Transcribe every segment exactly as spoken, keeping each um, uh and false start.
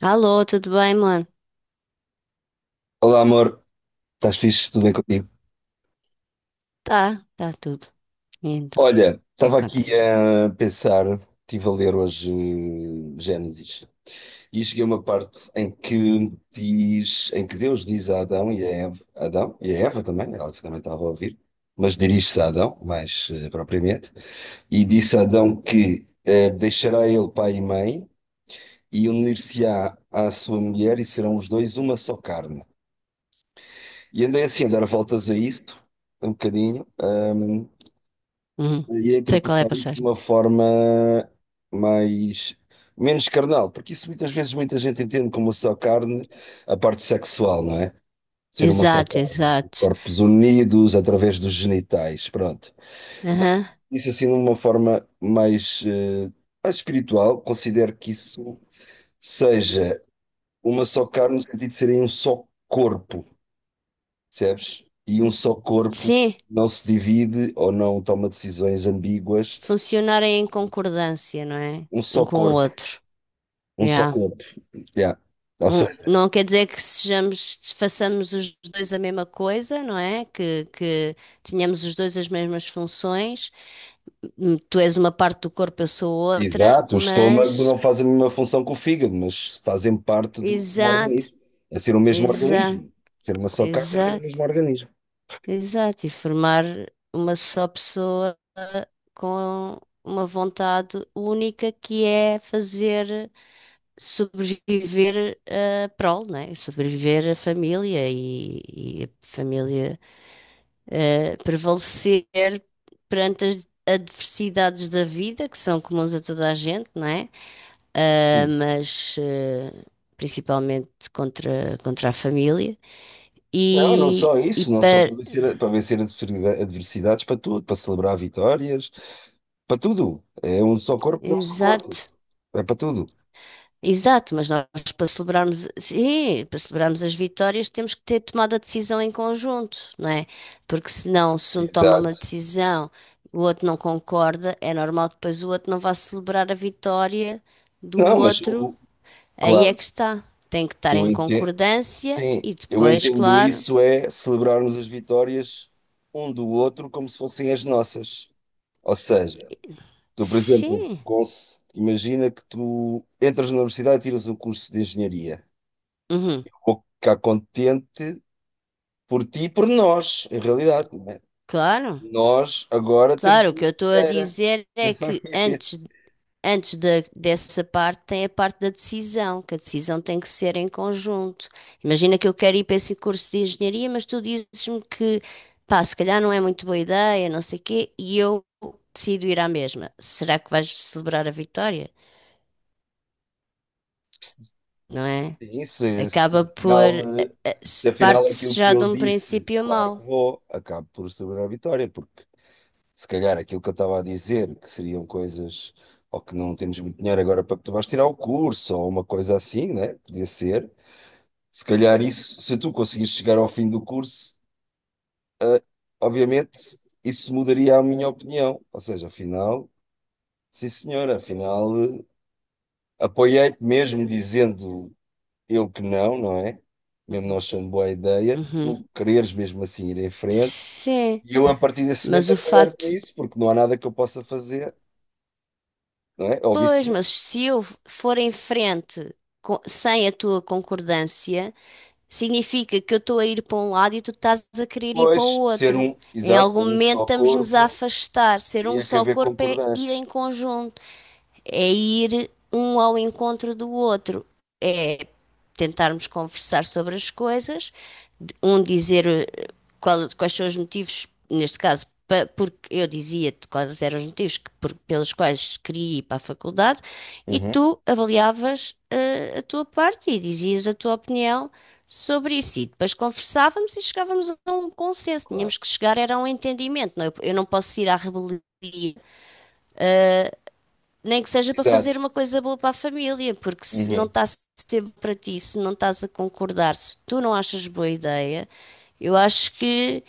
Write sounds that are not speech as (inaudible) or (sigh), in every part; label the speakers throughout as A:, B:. A: Alô, tudo bem, amor?
B: Olá, amor. Estás fixe? Tudo bem contigo?
A: Tá, tá tudo. E então, o
B: Olha,
A: que é que
B: estava aqui
A: contas?
B: a pensar, estive a ler hoje eh, Gênesis e cheguei a uma parte em que diz, em que Deus diz a Adão e a Eva, Adão e a Eva também, ela também estava a ouvir, mas dirige-se a Adão, mais eh, propriamente, e disse a Adão que eh, deixará ele pai e mãe e unir-se-á à sua mulher e serão os dois uma só carne. E andei assim a dar voltas a isso, um bocadinho. hum,
A: Uhum.
B: ia
A: Sei qual é a
B: interpretar isso de
A: passagem.
B: uma forma mais menos carnal, porque isso muitas vezes muita gente entende como só carne a parte sexual, não é? Ser uma só
A: Exato,
B: carne,
A: exato.
B: corpos unidos através dos genitais, pronto.
A: Aham.
B: Isso assim de uma forma mais, eh, mais espiritual, considero que isso seja uma só carne no sentido de serem um só corpo, percebes? E um só corpo
A: Sim,
B: não se divide ou não toma decisões ambíguas,
A: funcionarem em concordância, não é?
B: um só
A: Um com o
B: corpo,
A: outro.
B: um só
A: Yeah.
B: corpo. Yeah. Ou
A: Um-
B: seja,
A: não quer dizer que sejamos, façamos os dois a mesma coisa, não é? Que, que tenhamos os dois as mesmas funções. Hum, Tu és uma parte do corpo, eu sou outra,
B: exato, o estômago
A: mas.
B: não faz a mesma função que o fígado, mas fazem parte do mesmo
A: Exato,
B: organismo. É ser o mesmo
A: exato,
B: organismo. Ser uma só carta é
A: exato.
B: um organismo.
A: Exato, e formar uma só pessoa com uma vontade única que é fazer sobreviver a prole, né? Sobreviver a família e, e a família eh, prevalecer perante as adversidades da vida, que são comuns a toda a gente, não é? Ah,
B: Hum.
A: mas eh, principalmente contra, contra a família.
B: Não, não
A: E,
B: só
A: e
B: isso, não só
A: para.
B: para vencer, a- para vencer adversidade- adversidades, para tudo, para celebrar vitórias, para tudo. É um só corpo, é um só corpo.
A: Exato,
B: É para tudo.
A: exato, mas nós para celebrarmos, sim, para celebrarmos as vitórias temos que ter tomado a decisão em conjunto, não é? Porque senão, se um toma uma
B: Exato.
A: decisão, o outro não concorda, é normal que depois o outro não vá celebrar a vitória do
B: Não, mas
A: outro.
B: o,
A: Aí é
B: claro,
A: que está. Tem que estar
B: eu
A: em
B: entendo,
A: concordância
B: sim,
A: e
B: eu
A: depois,
B: entendo
A: claro,
B: isso é celebrarmos as vitórias um do outro como se fossem as nossas. Ou seja, tu, por exemplo,
A: sim,
B: cons- imagina que tu entras na universidade e tiras um curso de engenharia.
A: uhum,
B: Vou ficar contente por ti e por nós, em realidade, não é?
A: claro,
B: Nós agora temos
A: claro. O
B: uma
A: que eu estou a
B: engenheira.
A: dizer é que antes
B: (laughs)
A: Antes da- dessa parte, tem a parte da decisão, que a decisão tem que ser em conjunto. Imagina que eu quero ir para esse curso de engenharia, mas tu dizes-me que, pá, se calhar não é muito boa ideia, não sei quê, e eu decido ir à mesma. Será que vais celebrar a vitória? Não é?
B: Sim, se, se
A: Acaba por. eh,
B: afinal, eh,
A: eh,
B: se
A: se-
B: afinal aquilo
A: Parte-se
B: que
A: já de
B: eu
A: um
B: disse,
A: princípio
B: claro que
A: mau.
B: vou, acabo por celebrar a vitória, porque se calhar aquilo que eu estava a dizer, que seriam coisas, ou que não temos muito dinheiro agora para que tu vais tirar o curso, ou uma coisa assim, né? Podia ser. Se calhar isso, se tu conseguires chegar ao fim do curso, obviamente isso mudaria a minha opinião. Ou seja, afinal, sim senhora, afinal eh, apoiei-te mesmo dizendo eu que não, não é? Mesmo não achando boa ideia,
A: Uhum.
B: tu quereres mesmo assim ir em frente
A: Sim,
B: e eu a partir desse
A: mas
B: momento
A: o
B: apoiar-te
A: facto
B: nisso, porque não há nada que eu possa fazer, não é? Ou
A: pois,
B: vice-versa.
A: mas se eu for em frente co- sem a tua concordância, significa que eu estou a ir para um lado e tu estás a querer ir para o
B: Pois, ser
A: outro.
B: um,
A: Em
B: exato,
A: algum
B: ser um
A: momento
B: só
A: estamos-nos a
B: corpo,
A: afastar. Ser um
B: teria que
A: só
B: haver
A: corpo é ir
B: concordância.
A: em conjunto, é ir um ao encontro do outro, é tentarmos conversar sobre as coisas, um dizer eh, qual- quais são os motivos, neste caso, pa- porque eu dizia-te quais eram os motivos que- por- pelos quais queria ir para a faculdade, e
B: Uhum.
A: tu avaliavas eh, a tua parte e dizias a tua opinião sobre isso. E depois conversávamos e chegávamos a um consenso.
B: Claro.
A: Tínhamos que chegar era a um entendimento. Não, eu, eu não posso ir à rebeldia nem que seja para fazer
B: Exato.
A: uma coisa boa para a família, porque se não
B: Uhum.
A: está sempre para ti, se não estás a concordar, se tu não achas boa ideia, eu acho que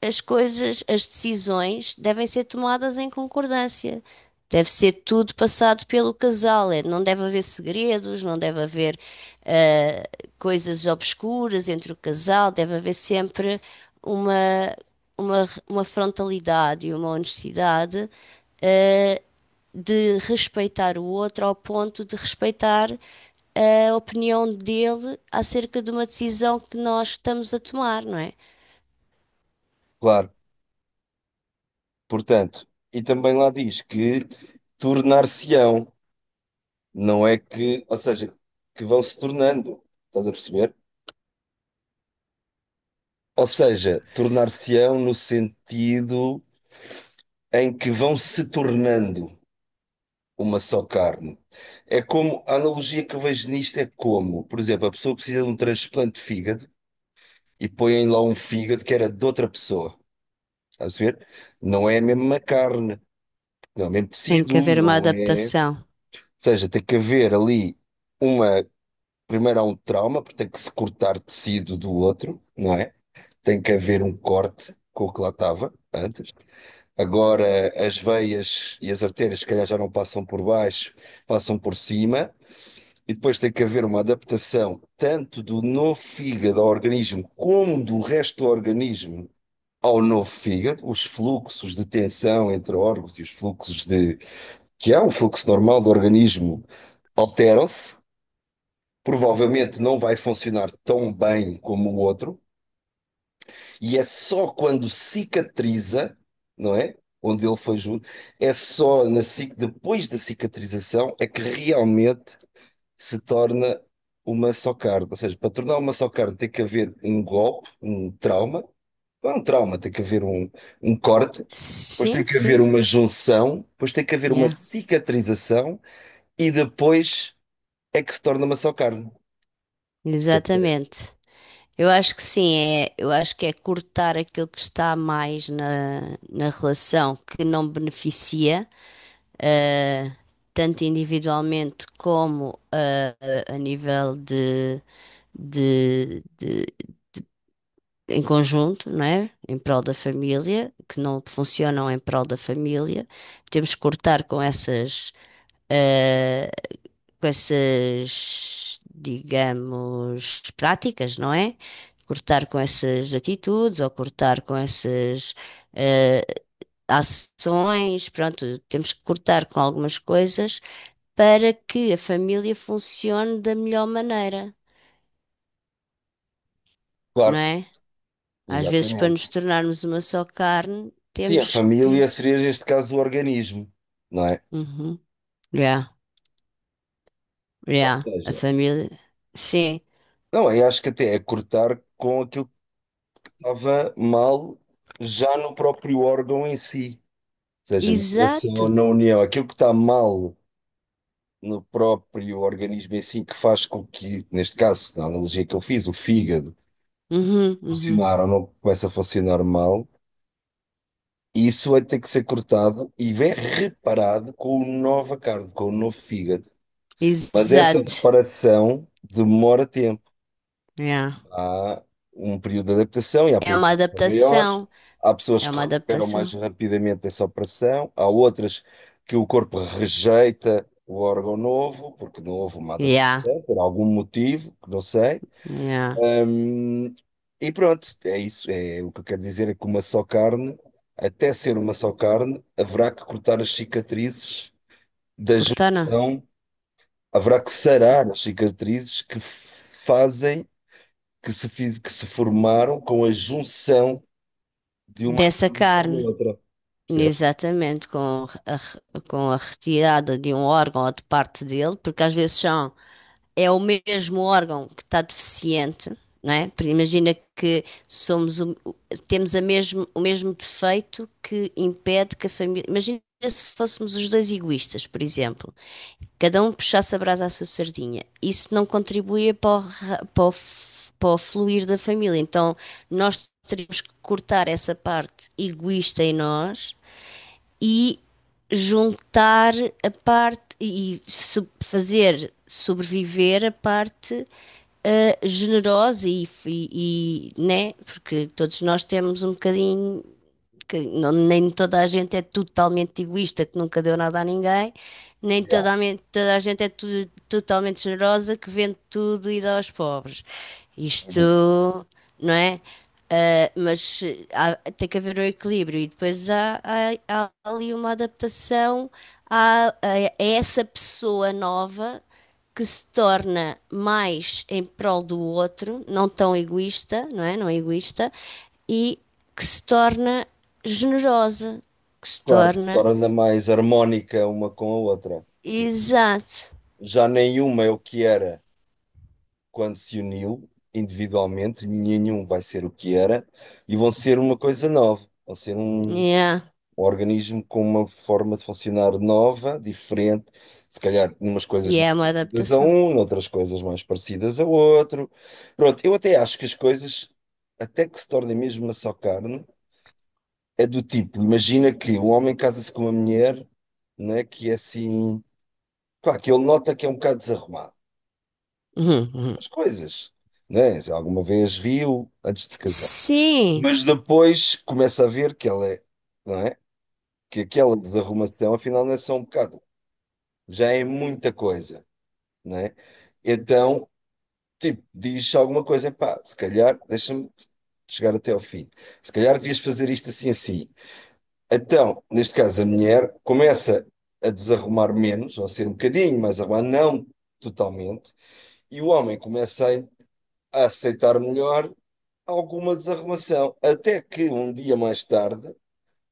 A: as coisas, as decisões devem ser tomadas em concordância. Deve ser tudo passado pelo casal. é, Não deve haver segredos, não deve haver eh, coisas obscuras entre o casal, deve haver sempre uma, uma, uma frontalidade e uma honestidade de respeitar o outro ao ponto de respeitar a opinião dele acerca de uma decisão que nós estamos a tomar, não é?
B: Claro. Portanto, e também lá diz que tornar-se-ão, não é que, ou seja, que vão se tornando, estás a perceber? Ou seja, tornar-se-ão no sentido em que vão se tornando uma só carne. É como, a analogia que eu vejo nisto é como, por exemplo, a pessoa precisa de um transplante de fígado e põem lá um fígado que era de outra pessoa, estás a perceber? Não é a mesma carne, não é o mesmo
A: Tem que
B: tecido,
A: haver uma
B: não é. Ou
A: adaptação.
B: seja, tem que haver ali uma primeiro há um trauma, porque tem que se cortar tecido do outro, não é? Tem que haver um corte com o que lá estava antes. Agora as veias e as artérias, se calhar, já não passam por baixo, passam por cima. E depois tem que haver uma adaptação tanto do novo fígado ao organismo como do resto do organismo ao novo fígado, os fluxos de tensão entre órgãos e os fluxos de que há um fluxo normal do organismo alteram-se provavelmente não vai funcionar tão bem como o outro, e é só quando cicatriza, não é? Onde ele foi junto, é só na, cic- depois da cicatrização é que realmente se torna uma só carne. Ou seja, para tornar uma só carne tem que haver um golpe, um trauma, não é um trauma, tem que haver um, um corte. Depois tem
A: Sim,
B: que haver
A: sim,
B: uma junção, depois tem que haver uma
A: yeah,
B: cicatrização e depois é que se torna uma só carne. O que é que parece?
A: exatamente. Eu acho que sim, é, eu acho que é cortar aquilo que está mais na, na relação que não beneficia, eh, tanto individualmente como eh, a nível de, de, de em conjunto, não é? Em prol da família, que não funcionam em prol da família. Temos que cortar com essas, eh, com essas, digamos, práticas, não é? Cortar com essas atitudes ou cortar com essas, eh, ações, pronto, temos que cortar com algumas coisas para que a família funcione da melhor maneira, não
B: Claro,
A: é? Às vezes, para nos
B: exatamente.
A: tornarmos uma só carne,
B: Sim, a
A: temos que.
B: família seria, neste caso, o organismo, não é?
A: Uhum. Yeah,
B: Ou
A: yeah. A
B: seja,
A: família. Sim.
B: não, eu acho que até é cortar com aquilo que estava mal já no próprio órgão em si. Ou seja, não é
A: Exato.
B: só na união. Aquilo que está mal no próprio organismo em si, que faz com que, neste caso, na analogia que eu fiz, o fígado
A: Uhum, uhum.
B: funcionar ou não começa a funcionar mal, isso vai ter que ser cortado e vem reparado com o nova carne, com o novo fígado. Mas essa
A: Exato.
B: reparação demora tempo.
A: Yeah.
B: Há um período de adaptação e há
A: É
B: períodos
A: uma
B: de adaptação maiores.
A: adaptação.
B: Há pessoas
A: É
B: que
A: uma
B: recuperam mais
A: adaptação.
B: rapidamente essa operação, há outras que o corpo rejeita o órgão novo, porque não houve uma
A: Yeah,
B: adaptação, por algum motivo, que não sei.
A: yeah.
B: Hum, e pronto, é isso. É, o que eu quero dizer é que uma só carne, até ser uma só carne, haverá que cortar as cicatrizes da
A: Cortana.
B: junção, haverá que
A: F-
B: sarar as cicatrizes que f- fazem que se, fiz- que se formaram com a junção de uma
A: Dessa
B: carne com a
A: carne.
B: outra, percebes?
A: Exatamente. Com a, re- com a retirada de um órgão ou de parte dele, porque às vezes são. É o mesmo órgão que está deficiente, não é? Imagina que somos o- o- temos a mesmo, o mesmo defeito que impede que a família. Imagina se fôssemos os dois egoístas, por exemplo, cada um puxasse a brasa à sua sardinha. Isso não contribuía para o, para o, para o fluir da família. Então nós teríamos que cortar essa parte egoísta em nós e juntar a parte e sub- fazer sobreviver a parte ah, generosa e, e, e, né? Porque todos nós temos um bocadinho que não- nem toda a gente é totalmente egoísta, que nunca deu nada a ninguém, nem
B: Yeah.
A: toda a, men- toda a gente é tu- totalmente generosa, que vende tudo e dá aos pobres.
B: Uhum.
A: Isto, não é? Ah, mas há- tem que haver um equilíbrio e depois há, há- há ali uma adaptação a, a- a essa pessoa nova que se torna mais em prol do outro, não tão egoísta, não é? Não é egoísta, e que se torna generosa, que se
B: Claro que se
A: torna
B: torna mais harmónica uma com a outra, que
A: exato.
B: já nenhuma é o que era quando se uniu individualmente, nenhum vai ser o que era, e vão ser uma coisa nova, vão ser um
A: Yeah.
B: um organismo com uma forma de funcionar nova, diferente, se calhar numas coisas
A: E
B: mais
A: é uma
B: parecidas a
A: adaptação.
B: um, noutras coisas mais parecidas a outro. Pronto, eu até acho que as coisas, até que se tornem mesmo uma só carne, é do tipo, imagina que um homem casa-se com uma mulher, né, que é assim, claro, que ele nota que é um bocado desarrumado,
A: Uhum, uhum.
B: as coisas, né, já alguma vez viu antes de se casar.
A: Sim.
B: Mas depois começa a ver que ela é, não é? Que aquela desarrumação afinal não é só um bocado. Já é muita coisa, né? Então, tipo, diz alguma coisa, pá, se calhar, deixa-me chegar até ao fim. Se calhar devias fazer isto assim, assim. Então, neste caso, a mulher começa a desarrumar menos, ou a ser um bocadinho mais arrumada, não totalmente, e o homem começa a a aceitar melhor alguma desarrumação. Até que um dia mais tarde,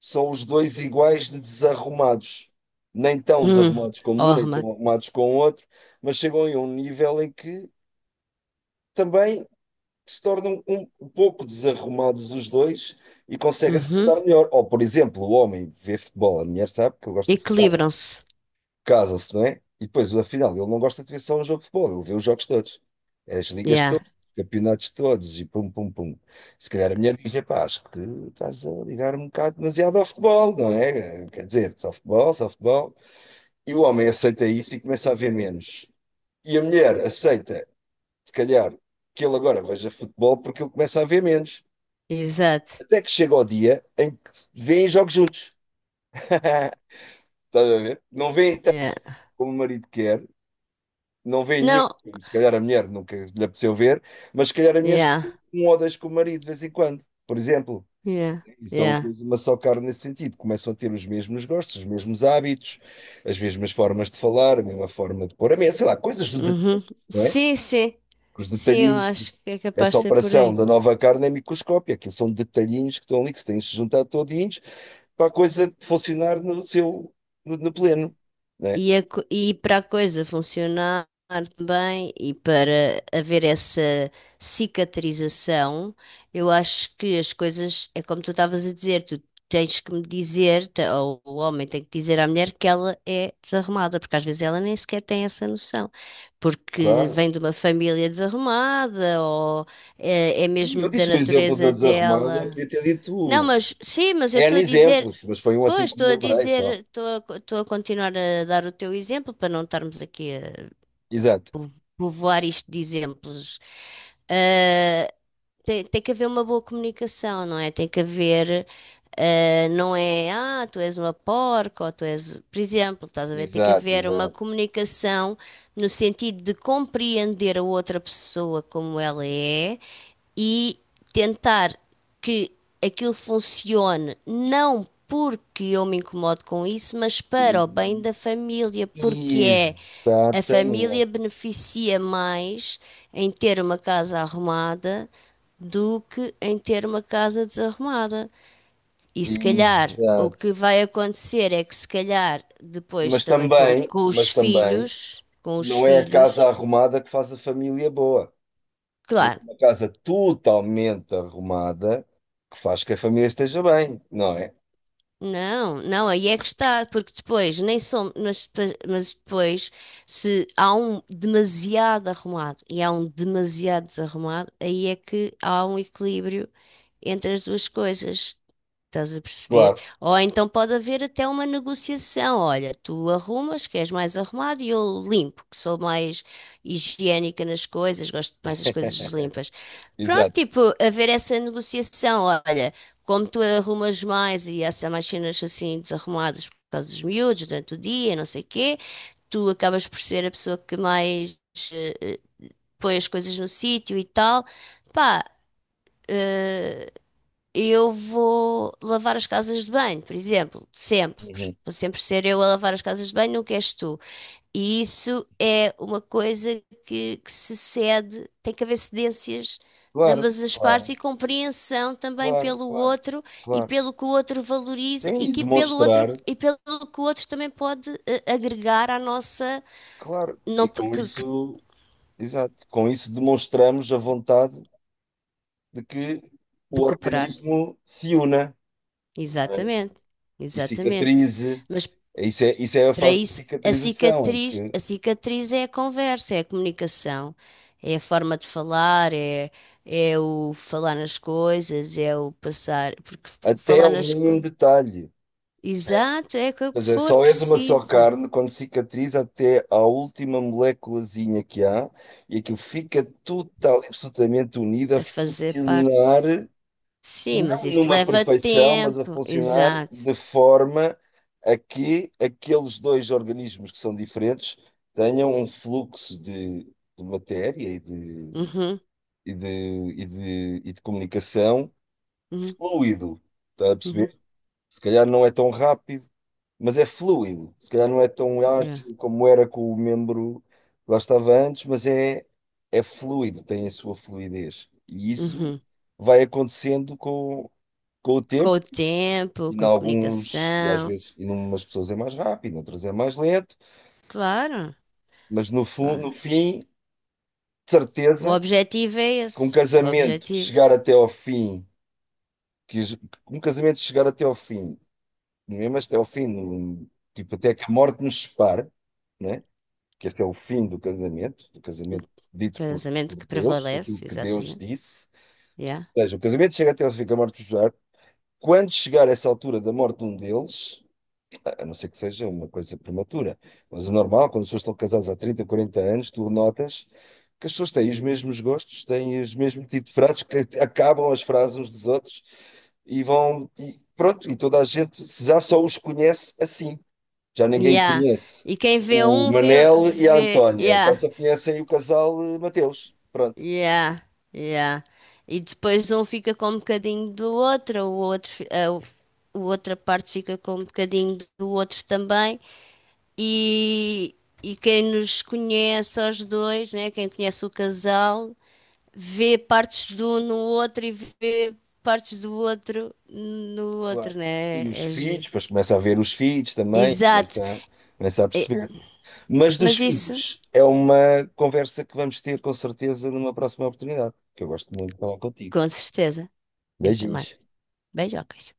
B: são os dois iguais de desarrumados. Nem tão
A: Uhum.
B: desarrumados como um, nem
A: Orma.
B: tão arrumados como o outro, mas chegam a um nível em que também se tornam um pouco desarrumados os dois e conseguem se dar
A: Uhum.
B: melhor. Ou, por exemplo, o homem vê futebol, a mulher sabe que ele gosta de futebol
A: Equilibram-se.
B: casa-se, não é? E depois, afinal, ele não gosta de ver só um jogo de futebol, ele vê os jogos todos, é as ligas
A: Yeah.
B: todas, os campeonatos todos e pum, pum, pum. Se calhar a mulher diz: pá, acho que estás a ligar um bocado demasiado ao futebol, não é? Quer dizer, só futebol, só futebol. E o homem aceita isso e começa a ver menos. E a mulher aceita, se calhar, que ele agora veja futebol porque ele começa a ver menos.
A: Exato.
B: Até que chega o dia em que vêem jogos juntos. (laughs) Estás a ver? Não vêem
A: Yeah.
B: tanto como o marido quer, não vê nenhum
A: Não.
B: filme. Se calhar a mulher nunca lhe apeteceu ver, mas se calhar a mulher
A: Yeah.
B: vê um ou dois com o marido de vez em quando, por exemplo.
A: Yeah.
B: E são os
A: Yeah.
B: dois uma só carne nesse sentido. Começam a ter os mesmos gostos, os mesmos hábitos, as mesmas formas de falar, a mesma forma de pôr a mesa, sei lá, coisas dos
A: Uhum.
B: detalhes não é?
A: Sim, sim.
B: Os
A: Sim, eu
B: detalhinhos.
A: acho que é capaz
B: Essa
A: de ser por
B: operação
A: aí.
B: da nova carne é microscópia, aquilo são detalhinhos que estão ali, que se têm se juntado todinhos para a coisa funcionar no seu, no, no pleno, né.
A: E, a co- e para a coisa funcionar bem e para haver essa cicatrização, eu acho que as coisas, é como tu estavas a dizer, tu tens que me dizer, te- ou o homem tem que dizer à mulher que ela é desarrumada, porque às vezes ela nem sequer tem essa noção, porque
B: Claro.
A: vem de uma família desarrumada, ou é, é
B: Sim,
A: mesmo
B: eu
A: da
B: disse o exemplo da,
A: natureza
B: da Romana,
A: dela.
B: podia ter
A: Não,
B: dito
A: mas sim, mas eu estou
B: N
A: a dizer,
B: exemplos, mas foi um
A: pois,
B: assim que me
A: estou a
B: lembrei
A: dizer,
B: só.
A: estou a, co- estou a continuar a dar o teu exemplo para não estarmos aqui a
B: Exato,
A: povo- povoar isto de exemplos. Ah, tem, tem que haver uma boa comunicação, não é? Tem que haver, ah, não é, ah, tu és uma porca, ou tu és, por exemplo, estás a ver? Tem que
B: exato,
A: haver uma
B: exato.
A: comunicação no sentido de compreender a outra pessoa como ela é e tentar que aquilo funcione não porque eu me incomodo com isso, mas para o bem da família, porque é a família
B: Exatamente,
A: beneficia mais em ter uma casa arrumada do que em ter uma casa desarrumada. E se calhar o que
B: exato.
A: vai acontecer é que se calhar depois
B: Mas
A: também com,
B: também,
A: com os
B: mas também,
A: filhos, com os
B: não é a
A: filhos,
B: casa arrumada que faz a família boa. Não é
A: claro.
B: uma casa totalmente arrumada que faz que a família esteja bem, não é?
A: Não, não, aí é que está, porque depois nem somos, mas, mas, depois, se há um demasiado arrumado e há um demasiado desarrumado, aí é que há um equilíbrio entre as duas coisas. Estás a perceber?
B: Claro,
A: Ou então pode haver até uma negociação. Olha, tu arrumas, que és mais arrumado, e eu limpo, que sou mais higiênica nas coisas, gosto mais das coisas limpas.
B: (laughs)
A: Pronto,
B: exato.
A: tipo, haver essa negociação. Olha como tu arrumas mais e há mais cenas assim desarrumadas por causa dos miúdos durante o dia, não sei o quê, tu acabas por ser a pessoa que mais eh, põe as coisas no sítio e tal. Pá, eu vou lavar as casas de banho, por exemplo, sempre.
B: Uhum.
A: Vou sempre ser eu a lavar as casas de banho, nunca és tu. E isso é uma coisa que, que se cede, tem que haver cedências de
B: Claro,
A: ambas as partes
B: claro,
A: e compreensão também
B: claro,
A: pelo
B: claro,
A: outro e
B: claro.
A: pelo que o outro valoriza
B: Sim,
A: e
B: e
A: que pelo outro
B: demonstrar,
A: e pelo que o outro também pode eh, agregar à nossa
B: claro.
A: não,
B: E com
A: que, que-
B: isso. Exato. Com isso demonstramos a vontade de que
A: de
B: o
A: cooperar.
B: organismo se una, né,
A: Exatamente,
B: e
A: exatamente.
B: cicatrize.
A: Mas.
B: É, isso é, isso é a
A: Para
B: fase de
A: isso, a
B: cicatrização, em
A: cicatriz,
B: que
A: a cicatriz é a conversa, é a comunicação, é a forma de falar, é, é o falar nas coisas, é o passar, porque f-
B: até
A: falar
B: ao
A: nas
B: mínimo
A: coisas.
B: detalhe, percebes?
A: Exato, é que o
B: Ou
A: que
B: seja,
A: for
B: só és uma só
A: preciso
B: carne quando cicatriza até à última moléculazinha que há e aquilo fica total e absolutamente unido a
A: a fazer
B: funcionar
A: parte. Sim,
B: não
A: mas isso
B: numa
A: leva
B: perfeição, mas a
A: tempo.
B: funcionar
A: Exato.
B: de forma a que aqueles dois organismos que são diferentes tenham um fluxo de, de matéria e de,
A: Uhum,
B: e de, e de, e de comunicação
A: uhum,
B: fluido. Está a
A: uhum,
B: perceber? Se calhar não é tão rápido, mas é fluido. Se calhar não é tão
A: yeah,
B: ágil como era com o membro que lá estava antes, mas é, é fluido, tem a sua fluidez. E isso
A: uhum.
B: vai acontecendo com, com o
A: Com
B: tempo.
A: o tempo,
B: E em
A: com a
B: alguns, e às
A: comunicação.
B: vezes, em umas pessoas é mais rápido, em outras é mais lento,
A: Claro.
B: mas no, fu- no
A: Vá.
B: fim, de
A: O
B: certeza,
A: objetivo é
B: que um
A: esse. O
B: casamento que
A: objetivo.
B: chegar até ao fim, que es- que um casamento chegar até ao fim, mesmo até ao fim, no- tipo até que a morte nos separe, né? Que esse é o fim do casamento, do casamento dito por,
A: Casamento
B: por
A: que
B: Deus, aquilo
A: prevalece,
B: que Deus
A: exatamente.
B: disse.
A: Yeah.
B: Ou seja, o casamento chega até ao fim, que a morte nos separe. Quando chegar essa altura da morte de um deles, a não ser que seja uma coisa prematura. Mas o normal, quando as pessoas estão casadas há trinta, quarenta anos, tu notas que as pessoas têm os mesmos gostos, têm os mesmos tipos de frases, que acabam as frases uns dos outros e vão. E pronto, e toda a gente já só os conhece assim. Já ninguém
A: Yeah.
B: conhece
A: E quem vê
B: o
A: um vê,
B: Manel e a
A: vê.
B: Antónia, já
A: Yeah.
B: só conhecem o casal eh, Mateus. Pronto,
A: Yeah. Yeah. E depois um fica com um bocadinho do outro, o outro, fi- a, o- a outra parte fica com um bocadinho do outro também. E, e quem nos conhece aos dois, né? Quem conhece o casal, vê partes de um no outro e vê partes do outro no
B: claro.
A: outro, né?
B: E os
A: É
B: filhos,
A: giro.
B: depois começa a ver os filhos também,
A: Exato.
B: começa a, começa a perceber. Mas dos
A: Mas isso,
B: filhos, é uma conversa que vamos ter com certeza numa próxima oportunidade, que eu gosto muito de falar contigo.
A: com certeza, eu também.
B: Beijinhos.
A: Beijocas.